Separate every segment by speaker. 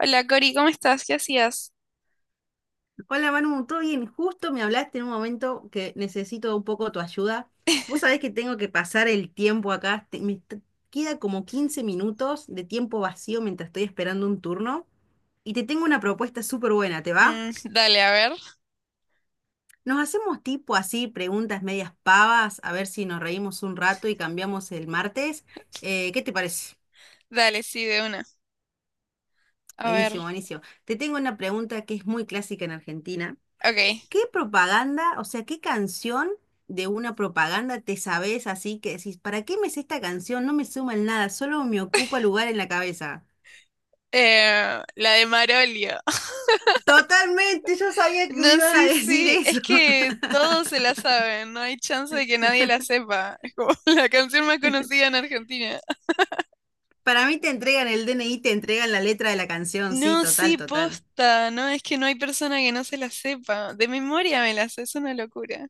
Speaker 1: Hola Cori, ¿cómo estás? ¿Qué hacías?
Speaker 2: Hola Manu, ¿todo bien? Justo me hablaste en un momento que necesito un poco tu ayuda. Vos sabés que tengo que pasar el tiempo acá, queda como 15 minutos de tiempo vacío mientras estoy esperando un turno y te tengo una propuesta súper buena, ¿te va?
Speaker 1: Mm, dale, a ver.
Speaker 2: Nos hacemos tipo así, preguntas medias pavas, a ver si nos reímos un rato y cambiamos el martes. ¿Qué te parece?
Speaker 1: Dale, sí, de una. A ver.
Speaker 2: Buenísimo, buenísimo. Te tengo una pregunta que es muy clásica en Argentina.
Speaker 1: Ok.
Speaker 2: ¿Qué propaganda, o sea, qué canción de una propaganda te sabes así que decís, ¿para qué me sé esta canción? No me suma en nada, solo me ocupa lugar en la cabeza.
Speaker 1: La de Marolio.
Speaker 2: Totalmente, yo sabía que me
Speaker 1: No,
Speaker 2: ibas a
Speaker 1: sí,
Speaker 2: decir
Speaker 1: sí.
Speaker 2: eso.
Speaker 1: Es que todos se la saben. No hay chance de que nadie la sepa. Es como la canción más conocida en Argentina.
Speaker 2: Para mí te entregan el DNI, te entregan la letra de la canción, sí,
Speaker 1: No,
Speaker 2: total,
Speaker 1: sí,
Speaker 2: total.
Speaker 1: posta. No, es que no hay persona que no se la sepa. De memoria me la sé. Es una locura.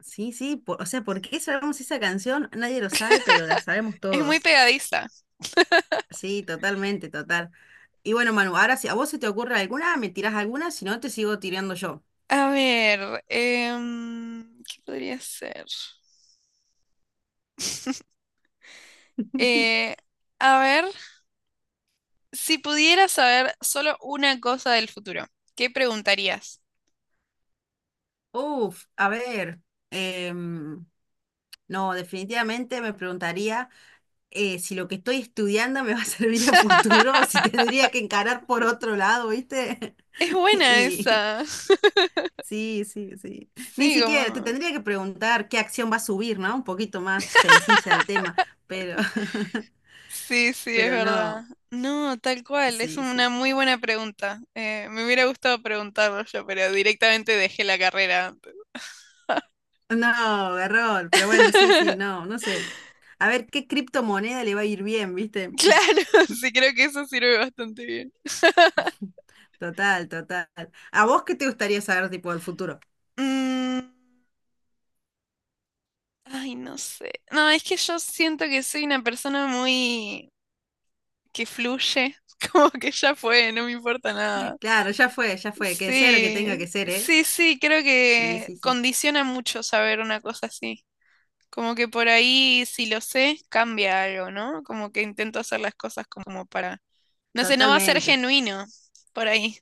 Speaker 2: Sí, sí, o sea, ¿por qué sabemos esa canción? Nadie lo sabe, pero la sabemos
Speaker 1: Es muy
Speaker 2: todos.
Speaker 1: pegadiza.
Speaker 2: Sí, totalmente, total. Y bueno, Manu, ahora si a vos se te ocurre alguna, me tirás alguna, si no te sigo tirando yo.
Speaker 1: A ver. ¿Qué podría ser? Eh, a ver. Si pudieras saber solo una cosa del futuro, ¿qué preguntarías?
Speaker 2: Uf, a ver, em, no, definitivamente me preguntaría si lo que estoy estudiando me va a servir a futuro o si tendría que encarar por otro lado, ¿viste?
Speaker 1: Es buena
Speaker 2: Y
Speaker 1: esa.
Speaker 2: sí, sí, sí. Ni
Speaker 1: Sí,
Speaker 2: siquiera te
Speaker 1: como...
Speaker 2: tendría que preguntar qué acción va a subir, ¿no? Un poquito más sencilla el tema, pero,
Speaker 1: Sí, sí, es
Speaker 2: pero
Speaker 1: verdad.
Speaker 2: no,
Speaker 1: No, tal cual, es
Speaker 2: sí,
Speaker 1: una
Speaker 2: sí.
Speaker 1: muy buena pregunta. Me hubiera gustado preguntarlo yo, pero directamente dejé la carrera antes.
Speaker 2: No, error, pero bueno, sí, sí, no, no sé. A ver qué criptomoneda le va a ir bien, ¿viste?
Speaker 1: Claro, sí, creo que eso sirve bastante bien.
Speaker 2: Total, total. ¿A vos qué te gustaría saber, tipo, del futuro?
Speaker 1: Mm, ay, no sé. No, es que yo siento que soy una persona muy que fluye, como que ya fue, no me importa nada.
Speaker 2: Claro, ya fue, ya fue. Que sea lo que tenga
Speaker 1: Sí,
Speaker 2: que ser, ¿eh?
Speaker 1: sí, sí, creo
Speaker 2: Sí,
Speaker 1: que
Speaker 2: sí, sí.
Speaker 1: condiciona mucho saber una cosa así. Como que por ahí, si lo sé, cambia algo, ¿no? Como que intento hacer las cosas como para... No sé, no va a ser
Speaker 2: Totalmente.
Speaker 1: genuino por ahí.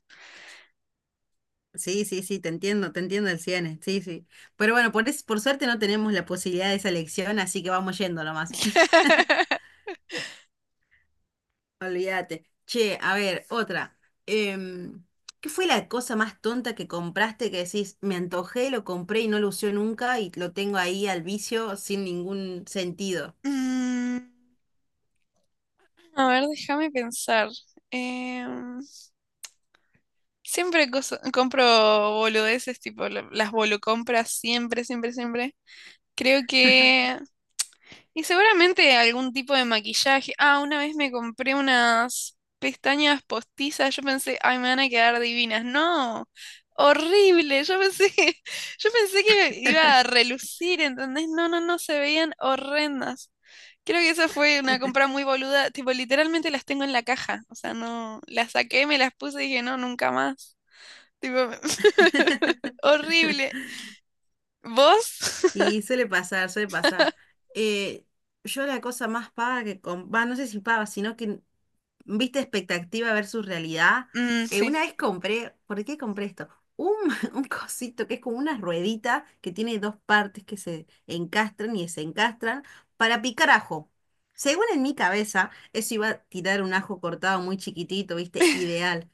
Speaker 2: Sí, sí, sí, te entiendo el 100, sí, sí. Pero bueno, por suerte no tenemos la posibilidad de esa elección, así que vamos yendo nomás. Olvídate. Che, a ver, otra. Em, ¿Qué fue la cosa más tonta que compraste que decís, me antojé, lo compré y no lo usé nunca y lo tengo ahí al vicio sin ningún sentido?
Speaker 1: Mm, a ver, déjame pensar. Em, Siempre compro boludeces, tipo las bolucompras, siempre, siempre, siempre. Creo que y seguramente algún tipo de maquillaje. Ah, una vez me compré unas pestañas postizas. Yo pensé, ay, me van a quedar divinas. No, horrible. Yo pensé, yo pensé que iba a relucir, ¿entendés? No, no, no, se veían horrendas. Creo que esa fue una compra muy boluda. Tipo, literalmente las tengo en la caja. O sea, no, las saqué, me las puse y dije, no, nunca más. Tipo, horrible. ¿Vos?
Speaker 2: Y suele pasar, suele pasar. Eh, yo la cosa más paga que... Va, no sé si paga, sino que viste, expectativa versus realidad.
Speaker 1: Mm, sí.
Speaker 2: Una vez compré, ¿por qué compré esto? Un, un cosito que es como una ruedita que tiene dos partes que se encastran y desencastran para picar ajo. Según en mi cabeza, eso iba a tirar un ajo cortado muy chiquitito, viste, ideal.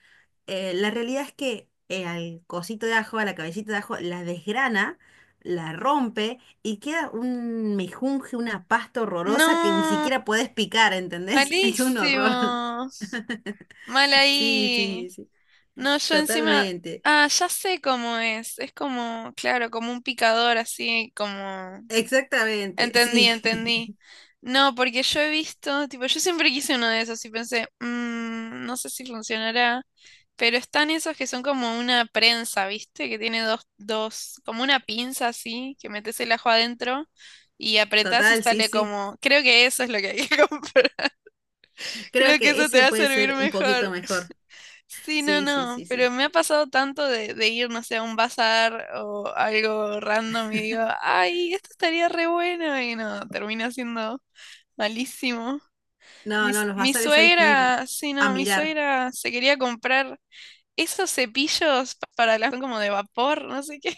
Speaker 2: La realidad es que al cosito de ajo, a la cabecita de ajo, la desgrana, la rompe y queda un mejunje, una pasta horrorosa que ni
Speaker 1: No.
Speaker 2: siquiera puedes picar, ¿entendés? Es un horror.
Speaker 1: Malísimos. Mal
Speaker 2: Sí, sí,
Speaker 1: ahí.
Speaker 2: sí,
Speaker 1: No, yo encima.
Speaker 2: totalmente.
Speaker 1: Ah, ya sé cómo es. Es como, claro, como un picador así, como.
Speaker 2: Exactamente,
Speaker 1: Entendí,
Speaker 2: sí.
Speaker 1: entendí. No, porque yo he visto, tipo, yo siempre quise uno de esos y pensé: "Mm, no sé si funcionará". Pero están esos que son como una prensa, ¿viste? Que tiene dos, dos, como una pinza así, que metes el ajo adentro y apretás y
Speaker 2: Total, sí,
Speaker 1: sale
Speaker 2: sí.
Speaker 1: como. Creo que eso es lo que hay que comprar.
Speaker 2: Creo
Speaker 1: Creo que
Speaker 2: que
Speaker 1: eso te
Speaker 2: ese
Speaker 1: va a
Speaker 2: puede
Speaker 1: servir
Speaker 2: ser un poquito
Speaker 1: mejor.
Speaker 2: mejor.
Speaker 1: Sí, no,
Speaker 2: Sí, sí,
Speaker 1: no,
Speaker 2: sí,
Speaker 1: pero
Speaker 2: sí.
Speaker 1: me ha pasado tanto de ir, no sé, a un bazar o algo random y digo, ay, esto estaría re bueno y no, termina siendo malísimo. Mi,
Speaker 2: No, no, los
Speaker 1: mi
Speaker 2: bazares hay que ir
Speaker 1: suegra, sí,
Speaker 2: a
Speaker 1: no, mi
Speaker 2: mirar.
Speaker 1: suegra se quería comprar esos cepillos para las como de vapor, no sé qué.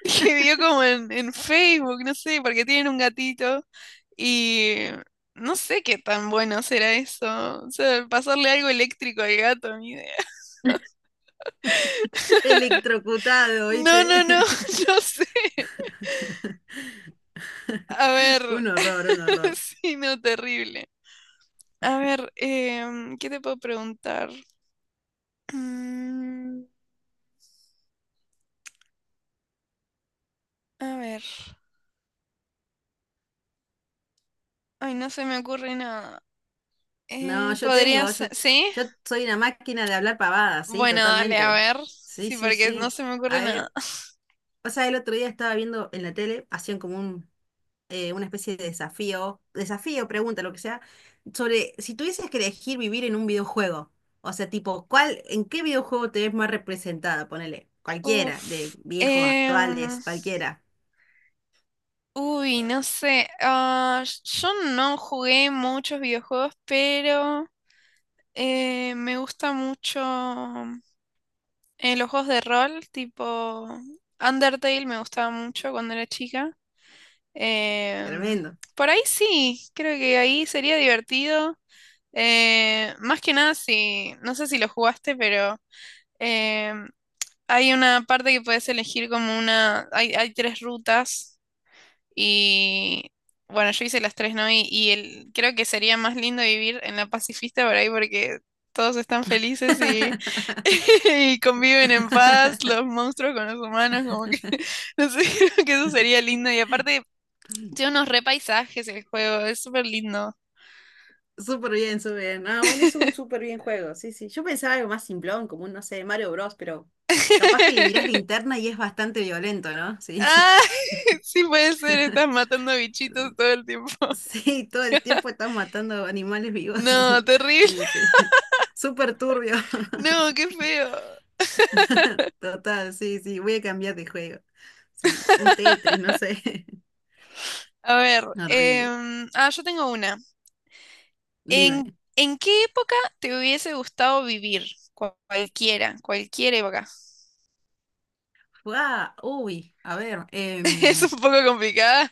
Speaker 1: Que vio como en Facebook, no sé, porque tienen un gatito y no sé qué tan bueno será eso. O sea, pasarle algo eléctrico al gato, ni idea.
Speaker 2: Electrocutado,
Speaker 1: No,
Speaker 2: ¿oíste?
Speaker 1: no, no, no sé. A ver,
Speaker 2: Un horror, un horror.
Speaker 1: sí, no, terrible. A ver, ¿qué te puedo preguntar? Mm, a ver, ay, no se me ocurre nada.
Speaker 2: No, yo
Speaker 1: ¿Podría
Speaker 2: tengo, yo,
Speaker 1: ser? ¿Sí?
Speaker 2: yo soy una máquina de hablar pavadas, sí,
Speaker 1: Bueno, dale, a
Speaker 2: totalmente.
Speaker 1: ver.
Speaker 2: Sí,
Speaker 1: Sí,
Speaker 2: sí,
Speaker 1: porque no
Speaker 2: sí.
Speaker 1: se me
Speaker 2: A
Speaker 1: ocurre nada.
Speaker 2: ver, o sea, el otro día estaba viendo en la tele, hacían como un una especie de desafío, desafío, pregunta, lo que sea, sobre si tuvieses que elegir vivir en un videojuego, o sea, tipo, ¿cuál, en qué videojuego te ves más representada? Ponele, cualquiera, de
Speaker 1: Uf.
Speaker 2: viejos, actuales, cualquiera.
Speaker 1: Uy, no sé. Yo no jugué muchos videojuegos, pero me gusta mucho los juegos de rol, tipo Undertale me gustaba mucho cuando era chica. Em,
Speaker 2: Tremendo.
Speaker 1: por ahí sí, creo que ahí sería divertido. Más que nada, si, no sé si lo jugaste, pero em, hay una parte que puedes elegir como una, hay tres rutas y bueno, yo hice las tres, ¿no? Y el, creo que sería más lindo vivir en la pacifista por ahí porque todos están felices y, y conviven en paz los monstruos con los humanos, como que, no sé, creo que eso sería lindo. Y aparte, tiene unos re paisajes el juego, es súper lindo.
Speaker 2: Súper bien, súper bien. Ah, bueno, es un súper bien juego. Sí, sí. Yo pensaba algo más simplón, como un, no sé, Mario Bros, pero capaz que le mirás la interna y es bastante violento, ¿no? Sí,
Speaker 1: Ah, sí puede ser, estás matando bichitos todo el tiempo.
Speaker 2: sí, todo el tiempo estás matando animales vivos.
Speaker 1: No, terrible.
Speaker 2: Sí, sí. Súper turbio.
Speaker 1: No, qué feo.
Speaker 2: Total, sí, sí. Voy a cambiar de juego. Sí, un Tetris, no sé.
Speaker 1: A ver,
Speaker 2: Horrible.
Speaker 1: ah, yo tengo una.
Speaker 2: Dime.
Speaker 1: ¿En qué época te hubiese gustado vivir? Cualquiera, cualquier época.
Speaker 2: Fua, uy, a ver.
Speaker 1: Es un poco complicada.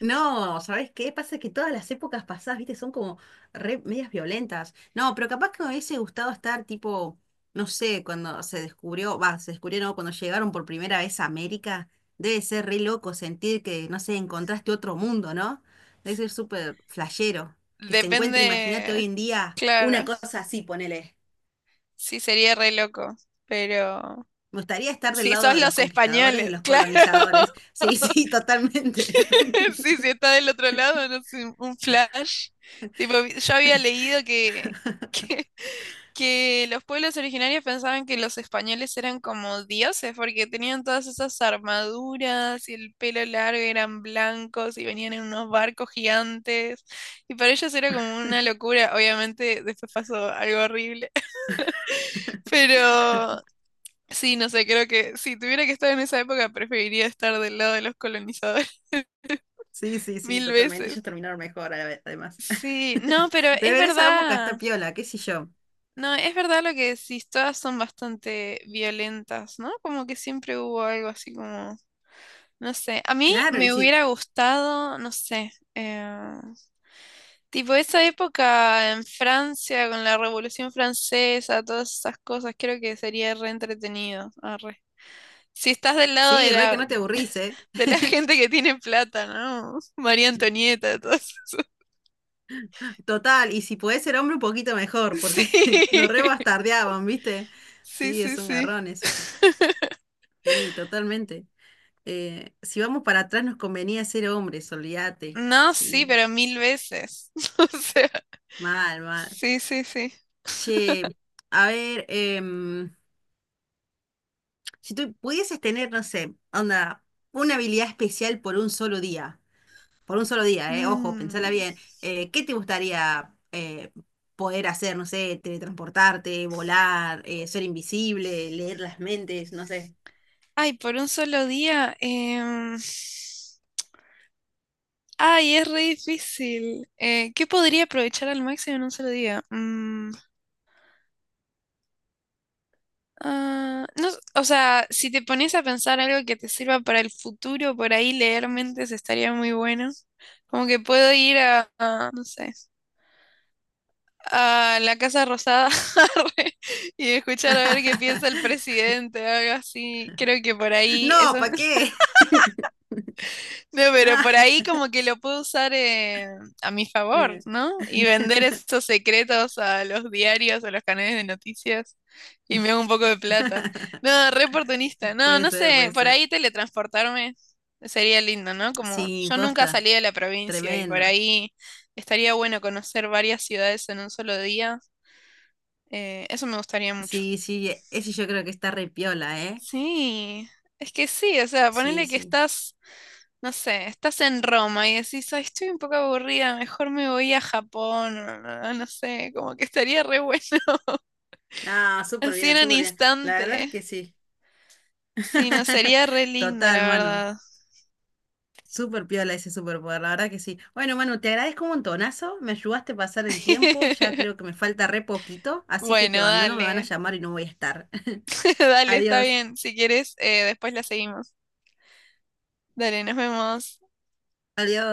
Speaker 2: No, ¿sabes qué? Pasa que todas las épocas pasadas, viste, son como re medias violentas. No, pero capaz que me hubiese gustado estar tipo, no sé, cuando se descubrió, va, se descubrió, no, cuando llegaron por primera vez a América, debe ser re loco sentir que, no sé, encontraste otro mundo, ¿no? Debe ser súper flashero. Que se encuentre, imagínate hoy
Speaker 1: Depende,
Speaker 2: en día, una
Speaker 1: claro.
Speaker 2: cosa así, ponele.
Speaker 1: Sí, sería re loco. Pero
Speaker 2: Me gustaría estar del
Speaker 1: si
Speaker 2: lado
Speaker 1: sos
Speaker 2: de los
Speaker 1: los
Speaker 2: conquistadores, de
Speaker 1: españoles,
Speaker 2: los
Speaker 1: claro.
Speaker 2: colonizadores. Sí, sí, totalmente.
Speaker 1: Sí, si está del otro lado, no sé, un flash. Tipo, yo había leído que, que los pueblos originarios pensaban que los españoles eran como dioses porque tenían todas esas armaduras y el pelo largo, y eran blancos y venían en unos barcos gigantes y para ellos era como una locura. Obviamente después pasó algo horrible, pero sí, no sé, creo que si tuviera que estar en esa época preferiría estar del lado de los colonizadores
Speaker 2: Sí, sí, sí,
Speaker 1: mil
Speaker 2: totalmente.
Speaker 1: veces.
Speaker 2: Ellos terminaron mejor, además.
Speaker 1: Sí, no, pero
Speaker 2: Pero
Speaker 1: es
Speaker 2: en esa época
Speaker 1: verdad.
Speaker 2: está piola, qué sé yo.
Speaker 1: No, es verdad lo que decís, todas son bastante violentas, ¿no? Como que siempre hubo algo así como, no sé, a mí
Speaker 2: Claro, y
Speaker 1: me
Speaker 2: sí,
Speaker 1: hubiera gustado, no sé, tipo esa época en Francia con la Revolución Francesa, todas esas cosas, creo que sería re entretenido. Arre. Si estás del lado de
Speaker 2: sí, re que
Speaker 1: la,
Speaker 2: no te aburrís, ¿eh?
Speaker 1: de la gente que tiene plata, ¿no? María Antonieta, todas.
Speaker 2: Total, y si podés ser hombre un poquito mejor, porque nos re bastardeaban, ¿viste?
Speaker 1: Sí,
Speaker 2: Sí,
Speaker 1: sí,
Speaker 2: es un
Speaker 1: sí, sí.
Speaker 2: garrón eso. Sí, totalmente. Si vamos para atrás nos convenía ser hombres, olvídate.
Speaker 1: No, sí,
Speaker 2: Sí,
Speaker 1: pero mil veces. O sea.
Speaker 2: mal, mal.
Speaker 1: Sí, sí, sí.
Speaker 2: Che, a ver, si tú pudieses tener, no sé, onda, una habilidad especial por un solo día. Por un solo día, ojo, pensala
Speaker 1: Mm.
Speaker 2: bien, ¿qué te gustaría poder hacer? No sé, teletransportarte, volar, ser invisible, leer las mentes, no sé.
Speaker 1: Ay, por un solo día. Ay, es re difícil. ¿Qué podría aprovechar al máximo en un solo día? Mm, ah, no, o sea, si te pones a pensar algo que te sirva para el futuro, por ahí leer mentes estaría muy bueno. Como que puedo ir no sé, a la Casa Rosada arre, y escuchar a ver qué piensa el presidente, algo así. Creo que por ahí
Speaker 2: No,
Speaker 1: eso.
Speaker 2: ¿para qué?
Speaker 1: No, pero
Speaker 2: No.
Speaker 1: por ahí como que lo puedo usar a mi favor,
Speaker 2: Eh,
Speaker 1: ¿no? Y vender esos secretos a los diarios, a los canales de noticias y me hago un poco de plata. No, re oportunista. No,
Speaker 2: Puede
Speaker 1: no
Speaker 2: ser,
Speaker 1: sé,
Speaker 2: puede
Speaker 1: por
Speaker 2: ser.
Speaker 1: ahí teletransportarme sería lindo, ¿no? Como
Speaker 2: Sí,
Speaker 1: yo nunca
Speaker 2: posta,
Speaker 1: salí de la provincia y por
Speaker 2: tremendo.
Speaker 1: ahí estaría bueno conocer varias ciudades en un solo día. Eso me gustaría mucho.
Speaker 2: Sí, sí, ese yo creo que está re piola, ¿eh?
Speaker 1: Sí, es que sí, o sea,
Speaker 2: Sí,
Speaker 1: ponele que
Speaker 2: sí.
Speaker 1: estás no sé, estás en Roma y decís, ay, estoy un poco aburrida, mejor me voy a Japón, no no no sé, como que estaría re bueno,
Speaker 2: No, súper
Speaker 1: así
Speaker 2: bien,
Speaker 1: en un
Speaker 2: súper bien. La verdad es
Speaker 1: instante.
Speaker 2: que sí.
Speaker 1: Sí, no, sería re lindo, la
Speaker 2: Total, mano.
Speaker 1: verdad.
Speaker 2: Súper piola ese superpoder, la verdad que sí. Bueno, Manu, te agradezco un montonazo, me ayudaste a pasar el tiempo, ya creo que me falta re poquito, así que
Speaker 1: Bueno,
Speaker 2: te abandono, me van a
Speaker 1: dale,
Speaker 2: llamar y no voy a estar.
Speaker 1: dale, está
Speaker 2: Adiós,
Speaker 1: bien. Si quieres, después la seguimos. Dale, nos vemos.
Speaker 2: adiós.